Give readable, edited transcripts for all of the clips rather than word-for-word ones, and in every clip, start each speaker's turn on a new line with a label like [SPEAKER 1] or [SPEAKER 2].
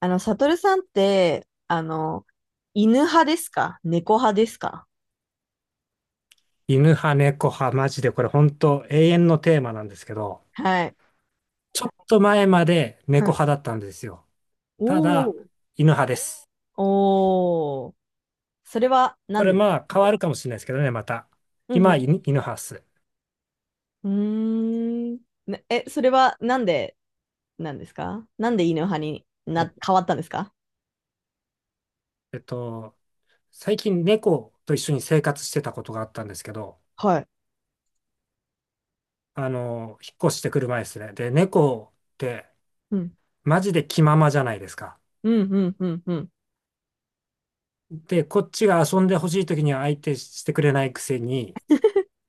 [SPEAKER 1] サトルさんって、犬派ですか猫派ですか？
[SPEAKER 2] 犬派、猫派、マジでこれ本当永遠のテーマなんですけど、
[SPEAKER 1] はい。
[SPEAKER 2] ちょっと前まで
[SPEAKER 1] う
[SPEAKER 2] 猫
[SPEAKER 1] ん。
[SPEAKER 2] 派だったんですよ。た
[SPEAKER 1] お
[SPEAKER 2] だ、
[SPEAKER 1] ー。
[SPEAKER 2] 犬派です。
[SPEAKER 1] おー。それはな
[SPEAKER 2] こ
[SPEAKER 1] ん
[SPEAKER 2] れ
[SPEAKER 1] でです
[SPEAKER 2] まあ
[SPEAKER 1] か？
[SPEAKER 2] 変わるかもしれないですけどね、また。
[SPEAKER 1] う
[SPEAKER 2] 今、
[SPEAKER 1] ん
[SPEAKER 2] 犬派っす。
[SPEAKER 1] うん。うーん。ねえ、それはなんで、なんですか、なんで犬派にな、
[SPEAKER 2] え、
[SPEAKER 1] 変わったんですか
[SPEAKER 2] えっと、最近猫と一緒に生活してたことがあったんですけど、
[SPEAKER 1] はい。
[SPEAKER 2] 引っ越してくる前ですね。で、猫って
[SPEAKER 1] うん。
[SPEAKER 2] マジで気ままじゃないですか。
[SPEAKER 1] うん、うん、うん、うん。
[SPEAKER 2] で、こっちが遊んでほしい時には相手してくれないくせに、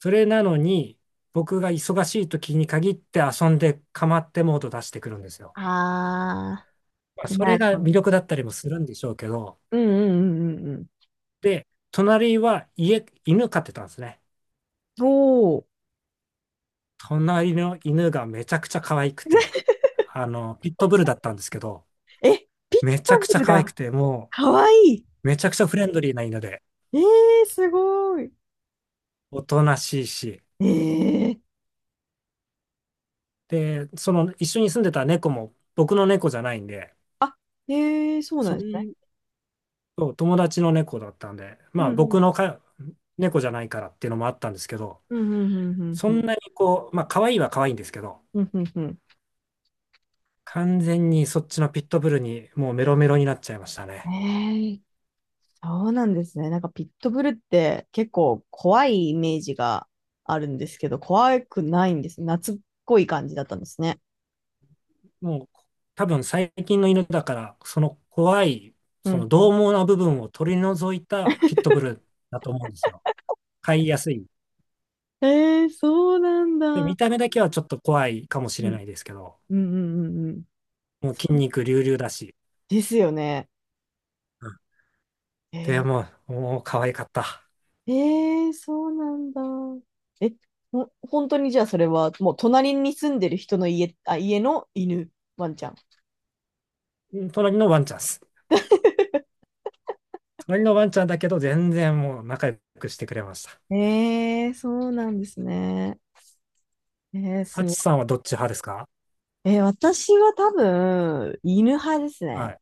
[SPEAKER 2] それなのに、僕が忙しい時に限って遊んで構ってモード出してくるんですよ。
[SPEAKER 1] あ
[SPEAKER 2] まあ
[SPEAKER 1] ー、
[SPEAKER 2] そ
[SPEAKER 1] な
[SPEAKER 2] れ
[SPEAKER 1] る
[SPEAKER 2] が
[SPEAKER 1] ほど。
[SPEAKER 2] 魅力だったりもするんでしょうけど、
[SPEAKER 1] うん、うん、うん、うん。うん。
[SPEAKER 2] で、隣は家、犬飼ってたんですね。
[SPEAKER 1] おー。
[SPEAKER 2] 隣の犬がめちゃくちゃ可愛くて、ピットブルだったんですけど、
[SPEAKER 1] え、ピッチ
[SPEAKER 2] めち
[SPEAKER 1] パ
[SPEAKER 2] ゃ
[SPEAKER 1] ン
[SPEAKER 2] くちゃ
[SPEAKER 1] ル
[SPEAKER 2] 可愛く
[SPEAKER 1] が、
[SPEAKER 2] て、
[SPEAKER 1] かわい
[SPEAKER 2] めちゃくちゃフレンドリーな犬で、
[SPEAKER 1] い。えー、すごい。
[SPEAKER 2] おとなしいし、
[SPEAKER 1] えー、
[SPEAKER 2] で、その一緒に住んでた猫も僕の猫じゃないんで、
[SPEAKER 1] あ、へえ、そうな
[SPEAKER 2] そ
[SPEAKER 1] んですね。
[SPEAKER 2] んそう、友達の猫だったんで、
[SPEAKER 1] う
[SPEAKER 2] ま
[SPEAKER 1] ん、
[SPEAKER 2] あ
[SPEAKER 1] うん、
[SPEAKER 2] 僕のか猫じゃないからっていうのもあったんですけど、
[SPEAKER 1] うん、うん、うん、
[SPEAKER 2] そ
[SPEAKER 1] う
[SPEAKER 2] ん
[SPEAKER 1] ん、
[SPEAKER 2] なにこう、まあ可愛いは可愛いんですけど、
[SPEAKER 1] うん、うんうんう
[SPEAKER 2] 完全にそっちのピットブルにもうメロメロになっちゃいましたね。
[SPEAKER 1] ん。へえ、そうなんですね。なんかピットブルって結構怖いイメージがあるんですけど、怖くないんですね。懐っこい感じだったんですね。
[SPEAKER 2] もう多分最近の犬だから、その怖い、
[SPEAKER 1] う
[SPEAKER 2] そ
[SPEAKER 1] ん、
[SPEAKER 2] の
[SPEAKER 1] うん。
[SPEAKER 2] 獰猛な部分を取り除いたピットブルだと思うんですよ。飼いやすい。
[SPEAKER 1] へえ、そうなんだ。
[SPEAKER 2] で、
[SPEAKER 1] うん、
[SPEAKER 2] 見た目だけはちょっと怖いかもし
[SPEAKER 1] う
[SPEAKER 2] れ
[SPEAKER 1] ん、
[SPEAKER 2] ないですけど、
[SPEAKER 1] うん、うんうん。
[SPEAKER 2] もう筋
[SPEAKER 1] そう
[SPEAKER 2] 肉隆々だし、
[SPEAKER 1] ですよね。
[SPEAKER 2] うん
[SPEAKER 1] へ
[SPEAKER 2] で
[SPEAKER 1] え、
[SPEAKER 2] もう、もう可愛かった。
[SPEAKER 1] へえ、そうなんだ。え、ほ、本当にじゃあそれはもう隣に住んでる人の家、あ、家の犬、ワンちゃん。
[SPEAKER 2] 隣のワンちゃんっす。隣のワンちゃんだけど、全然もう仲良くしてくれました。
[SPEAKER 1] ええ、そうなんですね。ええ、す
[SPEAKER 2] サ
[SPEAKER 1] ご
[SPEAKER 2] チ
[SPEAKER 1] い。
[SPEAKER 2] さんはどっち派ですか？
[SPEAKER 1] ええ、私は多分、犬派です
[SPEAKER 2] は
[SPEAKER 1] ね。
[SPEAKER 2] い。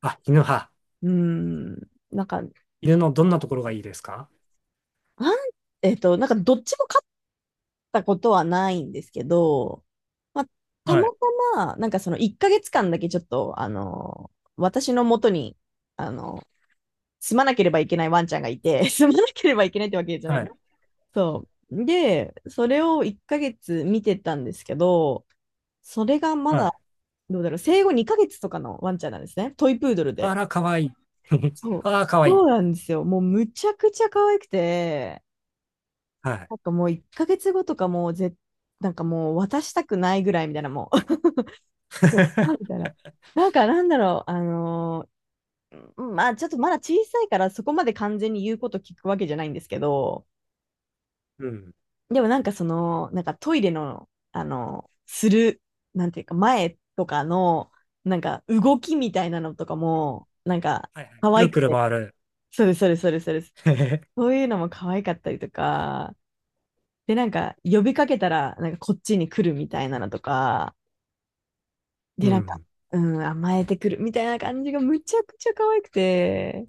[SPEAKER 2] あ、犬派。
[SPEAKER 1] うん。なんか、あ
[SPEAKER 2] 犬のどんなところがいいですか？
[SPEAKER 1] ん、なんかどっちも勝ったことはないんですけど、まあ、た
[SPEAKER 2] は
[SPEAKER 1] ま
[SPEAKER 2] い。
[SPEAKER 1] たま、なんかその1ヶ月間だけちょっと、私の元に、あの、住まなければいけないワンちゃんがいて、住まなければいけないってわけじゃない
[SPEAKER 2] は
[SPEAKER 1] ん、
[SPEAKER 2] い。
[SPEAKER 1] そう。で、それを1ヶ月見てたんですけど、それがま
[SPEAKER 2] は
[SPEAKER 1] だ、
[SPEAKER 2] い。
[SPEAKER 1] どうだろう、生後2ヶ月とかのワンちゃんなんですね。トイプードルで。
[SPEAKER 2] あら、かわいい。
[SPEAKER 1] そう。
[SPEAKER 2] あら、かわい
[SPEAKER 1] そ
[SPEAKER 2] い。
[SPEAKER 1] うなんですよ。もうむちゃくちゃ可愛くて、
[SPEAKER 2] はい。
[SPEAKER 1] なんかもう1ヶ月後とかもうぜ、なんかもう渡したくないぐらいみたいな、もう。そうあみ たいな。なんか、なんだろう、あのー、うん、まあちょっとまだ小さいからそこまで完全に言うこと聞くわけじゃないんですけど、
[SPEAKER 2] うん。
[SPEAKER 1] でもなんかその、なんかトイレの、する、なんていうか前とかの、なんか動きみたいなのとかも、なんか
[SPEAKER 2] はいはい。
[SPEAKER 1] 可
[SPEAKER 2] く
[SPEAKER 1] 愛
[SPEAKER 2] る
[SPEAKER 1] く
[SPEAKER 2] くる
[SPEAKER 1] て、
[SPEAKER 2] 回る。
[SPEAKER 1] そうです、そうです、そうです、そうです。そういうのも可愛かったりとか、で、なんか呼びかけたら、なんかこっちに来るみたいなのとか、
[SPEAKER 2] う
[SPEAKER 1] で、なんか、
[SPEAKER 2] ん。
[SPEAKER 1] うん、甘えてくるみたいな感じがむちゃくちゃ可愛くて、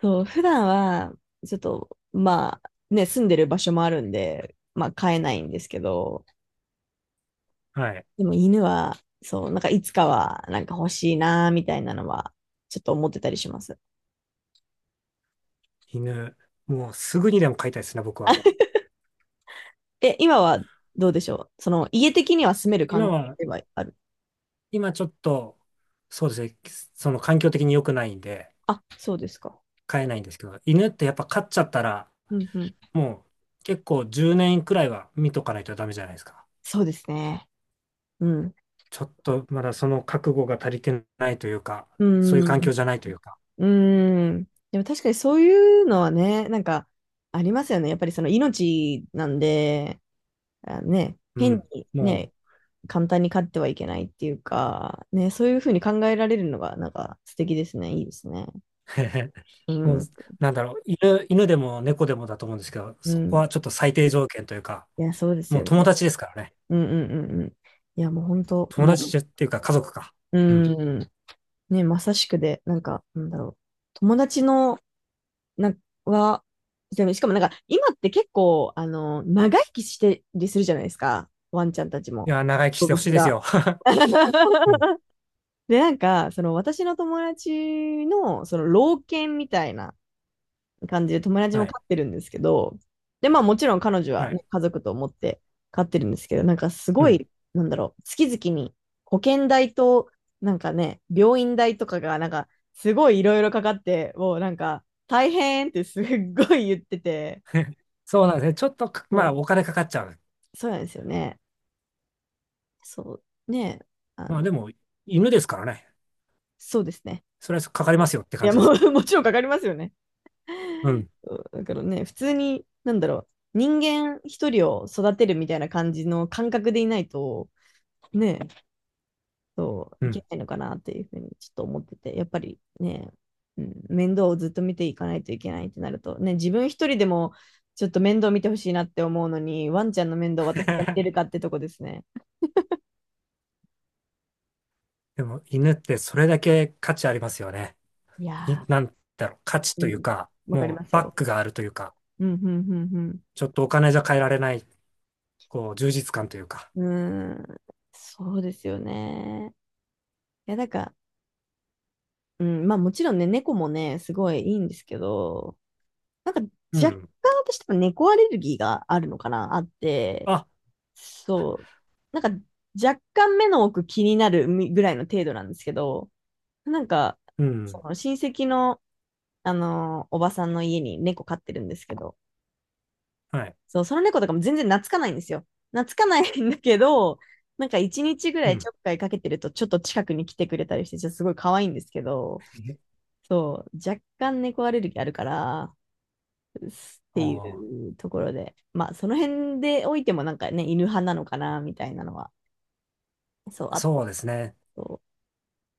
[SPEAKER 1] そう、普段は、ちょっと、まあ、ね、住んでる場所もあるんで、まあ、飼えないんですけど、
[SPEAKER 2] はい。
[SPEAKER 1] でも犬は、そう、なんかいつかは、なんか欲しいな、みたいなのは、ちょっと思ってたりします。
[SPEAKER 2] 犬。もうすぐにでも飼いたいですね、僕は。
[SPEAKER 1] え、今はどうでしょう、その、家的には住める
[SPEAKER 2] 今
[SPEAKER 1] 環境
[SPEAKER 2] は、
[SPEAKER 1] ではある。
[SPEAKER 2] 今ちょっと、そうですね、その環境的に良くないんで、
[SPEAKER 1] あ、そうですか。
[SPEAKER 2] 飼えないんですけど、犬ってやっぱ飼っちゃったら、
[SPEAKER 1] うんうん。
[SPEAKER 2] もう結構10年くらいは見とかないとダメじゃないですか。
[SPEAKER 1] そうですね。うん。
[SPEAKER 2] ちょっとまだその覚悟が足りてないというか、
[SPEAKER 1] う
[SPEAKER 2] そういう環
[SPEAKER 1] ん。
[SPEAKER 2] 境じゃないというか、
[SPEAKER 1] うん。でも確かにそういうのはね、なんか、ありますよね。やっぱりその命なんで、あね、
[SPEAKER 2] う
[SPEAKER 1] 変
[SPEAKER 2] ん。
[SPEAKER 1] に
[SPEAKER 2] も
[SPEAKER 1] ね、簡単に飼ってはいけないっていうか、ね、そういうふうに考えられるのが、なんか素敵ですね。いいですね。
[SPEAKER 2] う、へへ
[SPEAKER 1] う
[SPEAKER 2] もう、
[SPEAKER 1] ん。
[SPEAKER 2] なんだろう、犬でも猫でもだと思うんですけど、
[SPEAKER 1] う
[SPEAKER 2] そこ
[SPEAKER 1] ん。
[SPEAKER 2] はちょっと最低条件というか、
[SPEAKER 1] いや、そうです
[SPEAKER 2] もう
[SPEAKER 1] よ
[SPEAKER 2] 友
[SPEAKER 1] ね。
[SPEAKER 2] 達ですからね。
[SPEAKER 1] うんうんうんうん。いや、もう本当、
[SPEAKER 2] 友
[SPEAKER 1] も
[SPEAKER 2] 達っていうか家族か。
[SPEAKER 1] う、
[SPEAKER 2] うん。
[SPEAKER 1] うん。ね、まさしくで、なんか、なんだろう。友達の、な、は、でもしかもなんか、今って結構、長生きしてりするじゃないですか。ワンちゃんたち
[SPEAKER 2] い
[SPEAKER 1] も。
[SPEAKER 2] や、長生きし
[SPEAKER 1] 動
[SPEAKER 2] てほ
[SPEAKER 1] 物
[SPEAKER 2] しいです
[SPEAKER 1] が。
[SPEAKER 2] よ。うん。
[SPEAKER 1] で、なんか、その私の友達の、その老犬みたいな感じで友達
[SPEAKER 2] は
[SPEAKER 1] も
[SPEAKER 2] い。
[SPEAKER 1] 飼ってるんですけど、で、まあもちろん彼女は、
[SPEAKER 2] は
[SPEAKER 1] ね、
[SPEAKER 2] い。
[SPEAKER 1] 家族と思って飼ってるんですけど、なんかす
[SPEAKER 2] う
[SPEAKER 1] ご
[SPEAKER 2] ん。
[SPEAKER 1] い、なんだろう、月々に保険代と、なんかね、病院代とかが、なんかすごいいろいろかかって、もうなんか大変ってすっごい言ってて、
[SPEAKER 2] そうなんですね。ちょっとか、まあ、
[SPEAKER 1] そ
[SPEAKER 2] お金かかっちゃう。
[SPEAKER 1] う、そうなんですよね。そう、ね、あの、
[SPEAKER 2] まあ、でも、犬ですからね。
[SPEAKER 1] そうですね。
[SPEAKER 2] それはかかりますよって
[SPEAKER 1] い
[SPEAKER 2] 感
[SPEAKER 1] や、
[SPEAKER 2] じで
[SPEAKER 1] も
[SPEAKER 2] すわ。
[SPEAKER 1] う もちろんかかりますよね。
[SPEAKER 2] うん。
[SPEAKER 1] そうだからね、普通に、なんだろう、人間一人を育てるみたいな感じの感覚でいないと、ね、そう、
[SPEAKER 2] う
[SPEAKER 1] いけ
[SPEAKER 2] ん。
[SPEAKER 1] ないのかなっていうふうにちょっと思ってて、やっぱりね、うん、面倒をずっと見ていかないといけないってなると、ね、自分一人でもちょっと面倒見てほしいなって思うのに、ワンちゃんの面倒を私が見てるか ってとこですね。
[SPEAKER 2] でも犬ってそれだけ価値ありますよね。
[SPEAKER 1] い
[SPEAKER 2] い、
[SPEAKER 1] や
[SPEAKER 2] なんだろう、価値
[SPEAKER 1] ー、う
[SPEAKER 2] という
[SPEAKER 1] ん、
[SPEAKER 2] か、
[SPEAKER 1] わかり
[SPEAKER 2] も
[SPEAKER 1] ま
[SPEAKER 2] う
[SPEAKER 1] す
[SPEAKER 2] バッ
[SPEAKER 1] よ。
[SPEAKER 2] クがあるというか、
[SPEAKER 1] うん、うん、
[SPEAKER 2] ちょっとお金じゃ買えられない、こう、充実感というか。
[SPEAKER 1] うん、うん。うーん、そうですよね。いや、なんか、うん、まあもちろんね、猫もね、すごいいいんですけど、なんか
[SPEAKER 2] う
[SPEAKER 1] 若
[SPEAKER 2] ん。
[SPEAKER 1] 干私多分猫アレルギーがあるのかな、あって、
[SPEAKER 2] あ、
[SPEAKER 1] そう。なんか若干目の奥気になるみぐらいの程度なんですけど、なんか、
[SPEAKER 2] う
[SPEAKER 1] そ
[SPEAKER 2] ん。
[SPEAKER 1] の親戚の、あのー、おばさんの家に猫飼ってるんですけど、
[SPEAKER 2] はい。
[SPEAKER 1] そう、その猫とかも全然懐かないんですよ。懐かないんだけど、なんか一日ぐら
[SPEAKER 2] う
[SPEAKER 1] いち
[SPEAKER 2] ん。
[SPEAKER 1] ょっかいかけてるとちょっと近くに来てくれたりして、ちょっとすごい可愛いんですけど、
[SPEAKER 2] え
[SPEAKER 1] そう、若干猫アレルギーあるから、っ
[SPEAKER 2] あ
[SPEAKER 1] てい
[SPEAKER 2] ー
[SPEAKER 1] うところで、まあその辺でおいてもなんかね、犬派なのかな、みたいなのは、そう、あっ
[SPEAKER 2] そ
[SPEAKER 1] て。
[SPEAKER 2] うですね。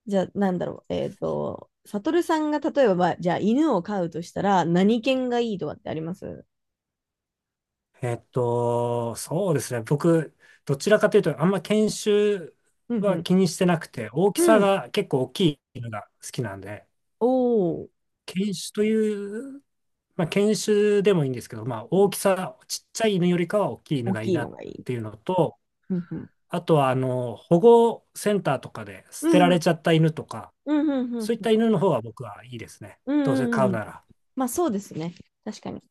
[SPEAKER 1] じゃあ、なんだろう。えっ、ーと、サトルさんが例えば、まあ、じゃあ、犬を飼うとしたら、何犬がいいとかってあります？
[SPEAKER 2] そうですね。僕、どちらかというと、あんま犬種
[SPEAKER 1] うんう
[SPEAKER 2] は
[SPEAKER 1] ん。
[SPEAKER 2] 気にしてなくて、大き
[SPEAKER 1] う
[SPEAKER 2] さ
[SPEAKER 1] ん。
[SPEAKER 2] が結構大きい犬が好きなんで、
[SPEAKER 1] おお。
[SPEAKER 2] 犬種というまあ、犬種でもいいんですけど、まあ、大きさ、ちっちゃい犬よりかは大きい犬
[SPEAKER 1] 大
[SPEAKER 2] がいい
[SPEAKER 1] きい
[SPEAKER 2] なっ
[SPEAKER 1] のがいい。
[SPEAKER 2] ていうのと、
[SPEAKER 1] うんうん。
[SPEAKER 2] あとはあの保護センターとかで
[SPEAKER 1] う
[SPEAKER 2] 捨て
[SPEAKER 1] ん
[SPEAKER 2] ら
[SPEAKER 1] う
[SPEAKER 2] れ
[SPEAKER 1] ん。
[SPEAKER 2] ちゃった犬とか、
[SPEAKER 1] うんうんう
[SPEAKER 2] そ
[SPEAKER 1] ん
[SPEAKER 2] ういっ
[SPEAKER 1] うん。
[SPEAKER 2] た犬の方が僕はいいですね。
[SPEAKER 1] うんう
[SPEAKER 2] どうせ
[SPEAKER 1] んうんうん
[SPEAKER 2] 飼
[SPEAKER 1] う
[SPEAKER 2] う
[SPEAKER 1] んうん、
[SPEAKER 2] なら。
[SPEAKER 1] まあ、そうですね。確かに。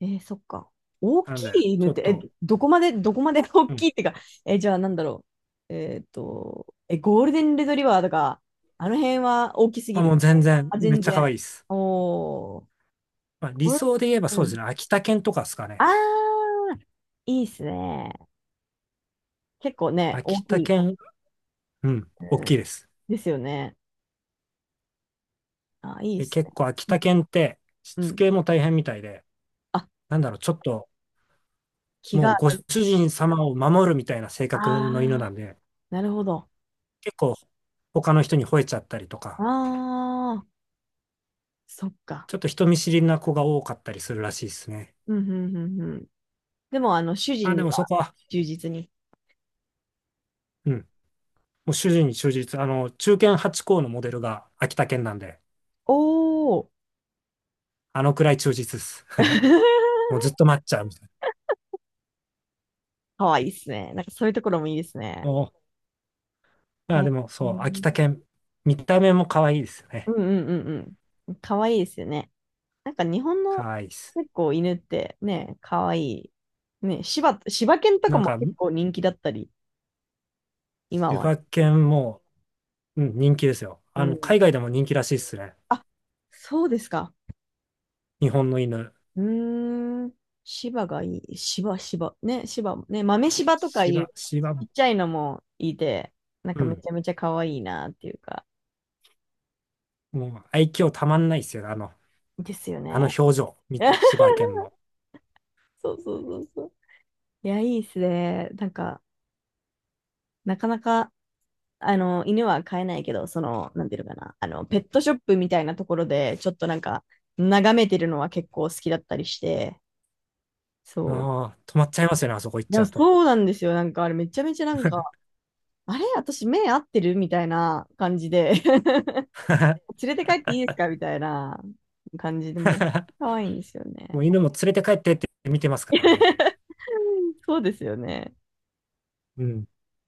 [SPEAKER 1] えー、そっか。大
[SPEAKER 2] な
[SPEAKER 1] き
[SPEAKER 2] んで、
[SPEAKER 1] い犬
[SPEAKER 2] ちょ
[SPEAKER 1] っ
[SPEAKER 2] っ
[SPEAKER 1] て、え、
[SPEAKER 2] と、
[SPEAKER 1] どこまで、どこまで 大
[SPEAKER 2] う
[SPEAKER 1] き
[SPEAKER 2] ん。
[SPEAKER 1] いってか、え、じゃあ、なんだろう。えーっと、え、ゴールデンレトリバーとか、あの辺は大きすぎ
[SPEAKER 2] まあ、も
[SPEAKER 1] る？
[SPEAKER 2] う全然、
[SPEAKER 1] あ、
[SPEAKER 2] めっ
[SPEAKER 1] 全
[SPEAKER 2] ちゃ可
[SPEAKER 1] 然。
[SPEAKER 2] 愛いです。
[SPEAKER 1] おお。
[SPEAKER 2] まあ、
[SPEAKER 1] ゴ
[SPEAKER 2] 理
[SPEAKER 1] ール
[SPEAKER 2] 想で言えば
[SPEAKER 1] デン、
[SPEAKER 2] そう
[SPEAKER 1] う
[SPEAKER 2] で
[SPEAKER 1] ん。
[SPEAKER 2] すね。秋田犬とかですか
[SPEAKER 1] あ
[SPEAKER 2] ね。
[SPEAKER 1] ー、いいっすね。結構ね、大
[SPEAKER 2] 秋
[SPEAKER 1] き
[SPEAKER 2] 田
[SPEAKER 1] い。
[SPEAKER 2] 犬、うん、
[SPEAKER 1] う
[SPEAKER 2] 大
[SPEAKER 1] ん
[SPEAKER 2] きいです。
[SPEAKER 1] ですよね。あ、いいっ
[SPEAKER 2] で、
[SPEAKER 1] す
[SPEAKER 2] 結構秋
[SPEAKER 1] ね。
[SPEAKER 2] 田犬ってし
[SPEAKER 1] うん。う
[SPEAKER 2] つ
[SPEAKER 1] ん。
[SPEAKER 2] けも大変みたいで、
[SPEAKER 1] あ、
[SPEAKER 2] なんだろう、ちょっと
[SPEAKER 1] 気が
[SPEAKER 2] もうご
[SPEAKER 1] 合
[SPEAKER 2] 主
[SPEAKER 1] い、
[SPEAKER 2] 人様を守るみたいな性
[SPEAKER 1] あ
[SPEAKER 2] 格の犬な
[SPEAKER 1] あ、
[SPEAKER 2] んで、
[SPEAKER 1] なるほど。
[SPEAKER 2] 結構他の人に吠えちゃったりと
[SPEAKER 1] あ
[SPEAKER 2] か、
[SPEAKER 1] あ、そっか。
[SPEAKER 2] ちょっと人見知りな子が多かったりするらしいですね。
[SPEAKER 1] うん、うん、うん、うん。でも、主
[SPEAKER 2] あ、
[SPEAKER 1] 人
[SPEAKER 2] で
[SPEAKER 1] に
[SPEAKER 2] もそ
[SPEAKER 1] は
[SPEAKER 2] こは、
[SPEAKER 1] 忠実に。
[SPEAKER 2] うん、もう主人に忠実。あの、中堅八校のモデルが秋田県なんで、
[SPEAKER 1] おー。
[SPEAKER 2] あのくらい忠実です。も うずっと待っちゃうみたい
[SPEAKER 1] かわいいっすね。なんかそういうところもいいですね。
[SPEAKER 2] な。お
[SPEAKER 1] え
[SPEAKER 2] あ、
[SPEAKER 1] ー、
[SPEAKER 2] でも
[SPEAKER 1] う
[SPEAKER 2] そう、秋田
[SPEAKER 1] ん
[SPEAKER 2] 県、見た目も可愛いですよ
[SPEAKER 1] う
[SPEAKER 2] ね。
[SPEAKER 1] んうんうん。かわいいですよね。なんか日本
[SPEAKER 2] 可
[SPEAKER 1] の
[SPEAKER 2] 愛いです。
[SPEAKER 1] 結構犬ってね、かわいい。ね、柴、柴犬とか
[SPEAKER 2] なん
[SPEAKER 1] も
[SPEAKER 2] か、
[SPEAKER 1] 結構人気だったり。今
[SPEAKER 2] 千
[SPEAKER 1] は。
[SPEAKER 2] 葉県も、うん、人気ですよ。
[SPEAKER 1] う
[SPEAKER 2] あの、
[SPEAKER 1] ん。
[SPEAKER 2] 海外でも人気らしいですね。
[SPEAKER 1] あ、そうですか。
[SPEAKER 2] 日本の犬。
[SPEAKER 1] うーん。芝がいい。芝、芝。ね、芝、ね、豆芝とか
[SPEAKER 2] 芝、
[SPEAKER 1] いう
[SPEAKER 2] 芝
[SPEAKER 1] ち
[SPEAKER 2] も、
[SPEAKER 1] っちゃいのもいて、なん
[SPEAKER 2] う
[SPEAKER 1] かめ
[SPEAKER 2] ん。
[SPEAKER 1] ちゃめちゃ可愛いなっていうか、
[SPEAKER 2] もう愛嬌たまんないですよね。あの、
[SPEAKER 1] ですよ
[SPEAKER 2] あの
[SPEAKER 1] ね。
[SPEAKER 2] 表情、み千 葉県の。
[SPEAKER 1] そうそうそうそう。いや、いいっすね。なんか、なかなか、犬は飼えないけど、その、なんていうのかな、ペットショップみたいなところで、ちょっとなんか、眺めてるのは結構好きだったりして、そ
[SPEAKER 2] ああ、止まっちゃいますよね、あそこ行っ
[SPEAKER 1] う。い
[SPEAKER 2] ちゃ
[SPEAKER 1] や、
[SPEAKER 2] うと。
[SPEAKER 1] そうなんですよ。なんか、あれめちゃめちゃなんか、あれ私目合ってるみたいな感じで 連れて帰っていいですかみたいな感じでもう、可愛いんですよね。
[SPEAKER 2] もう犬も連れて帰ってって見てますからね。
[SPEAKER 1] うん、そうですよね。
[SPEAKER 2] うん。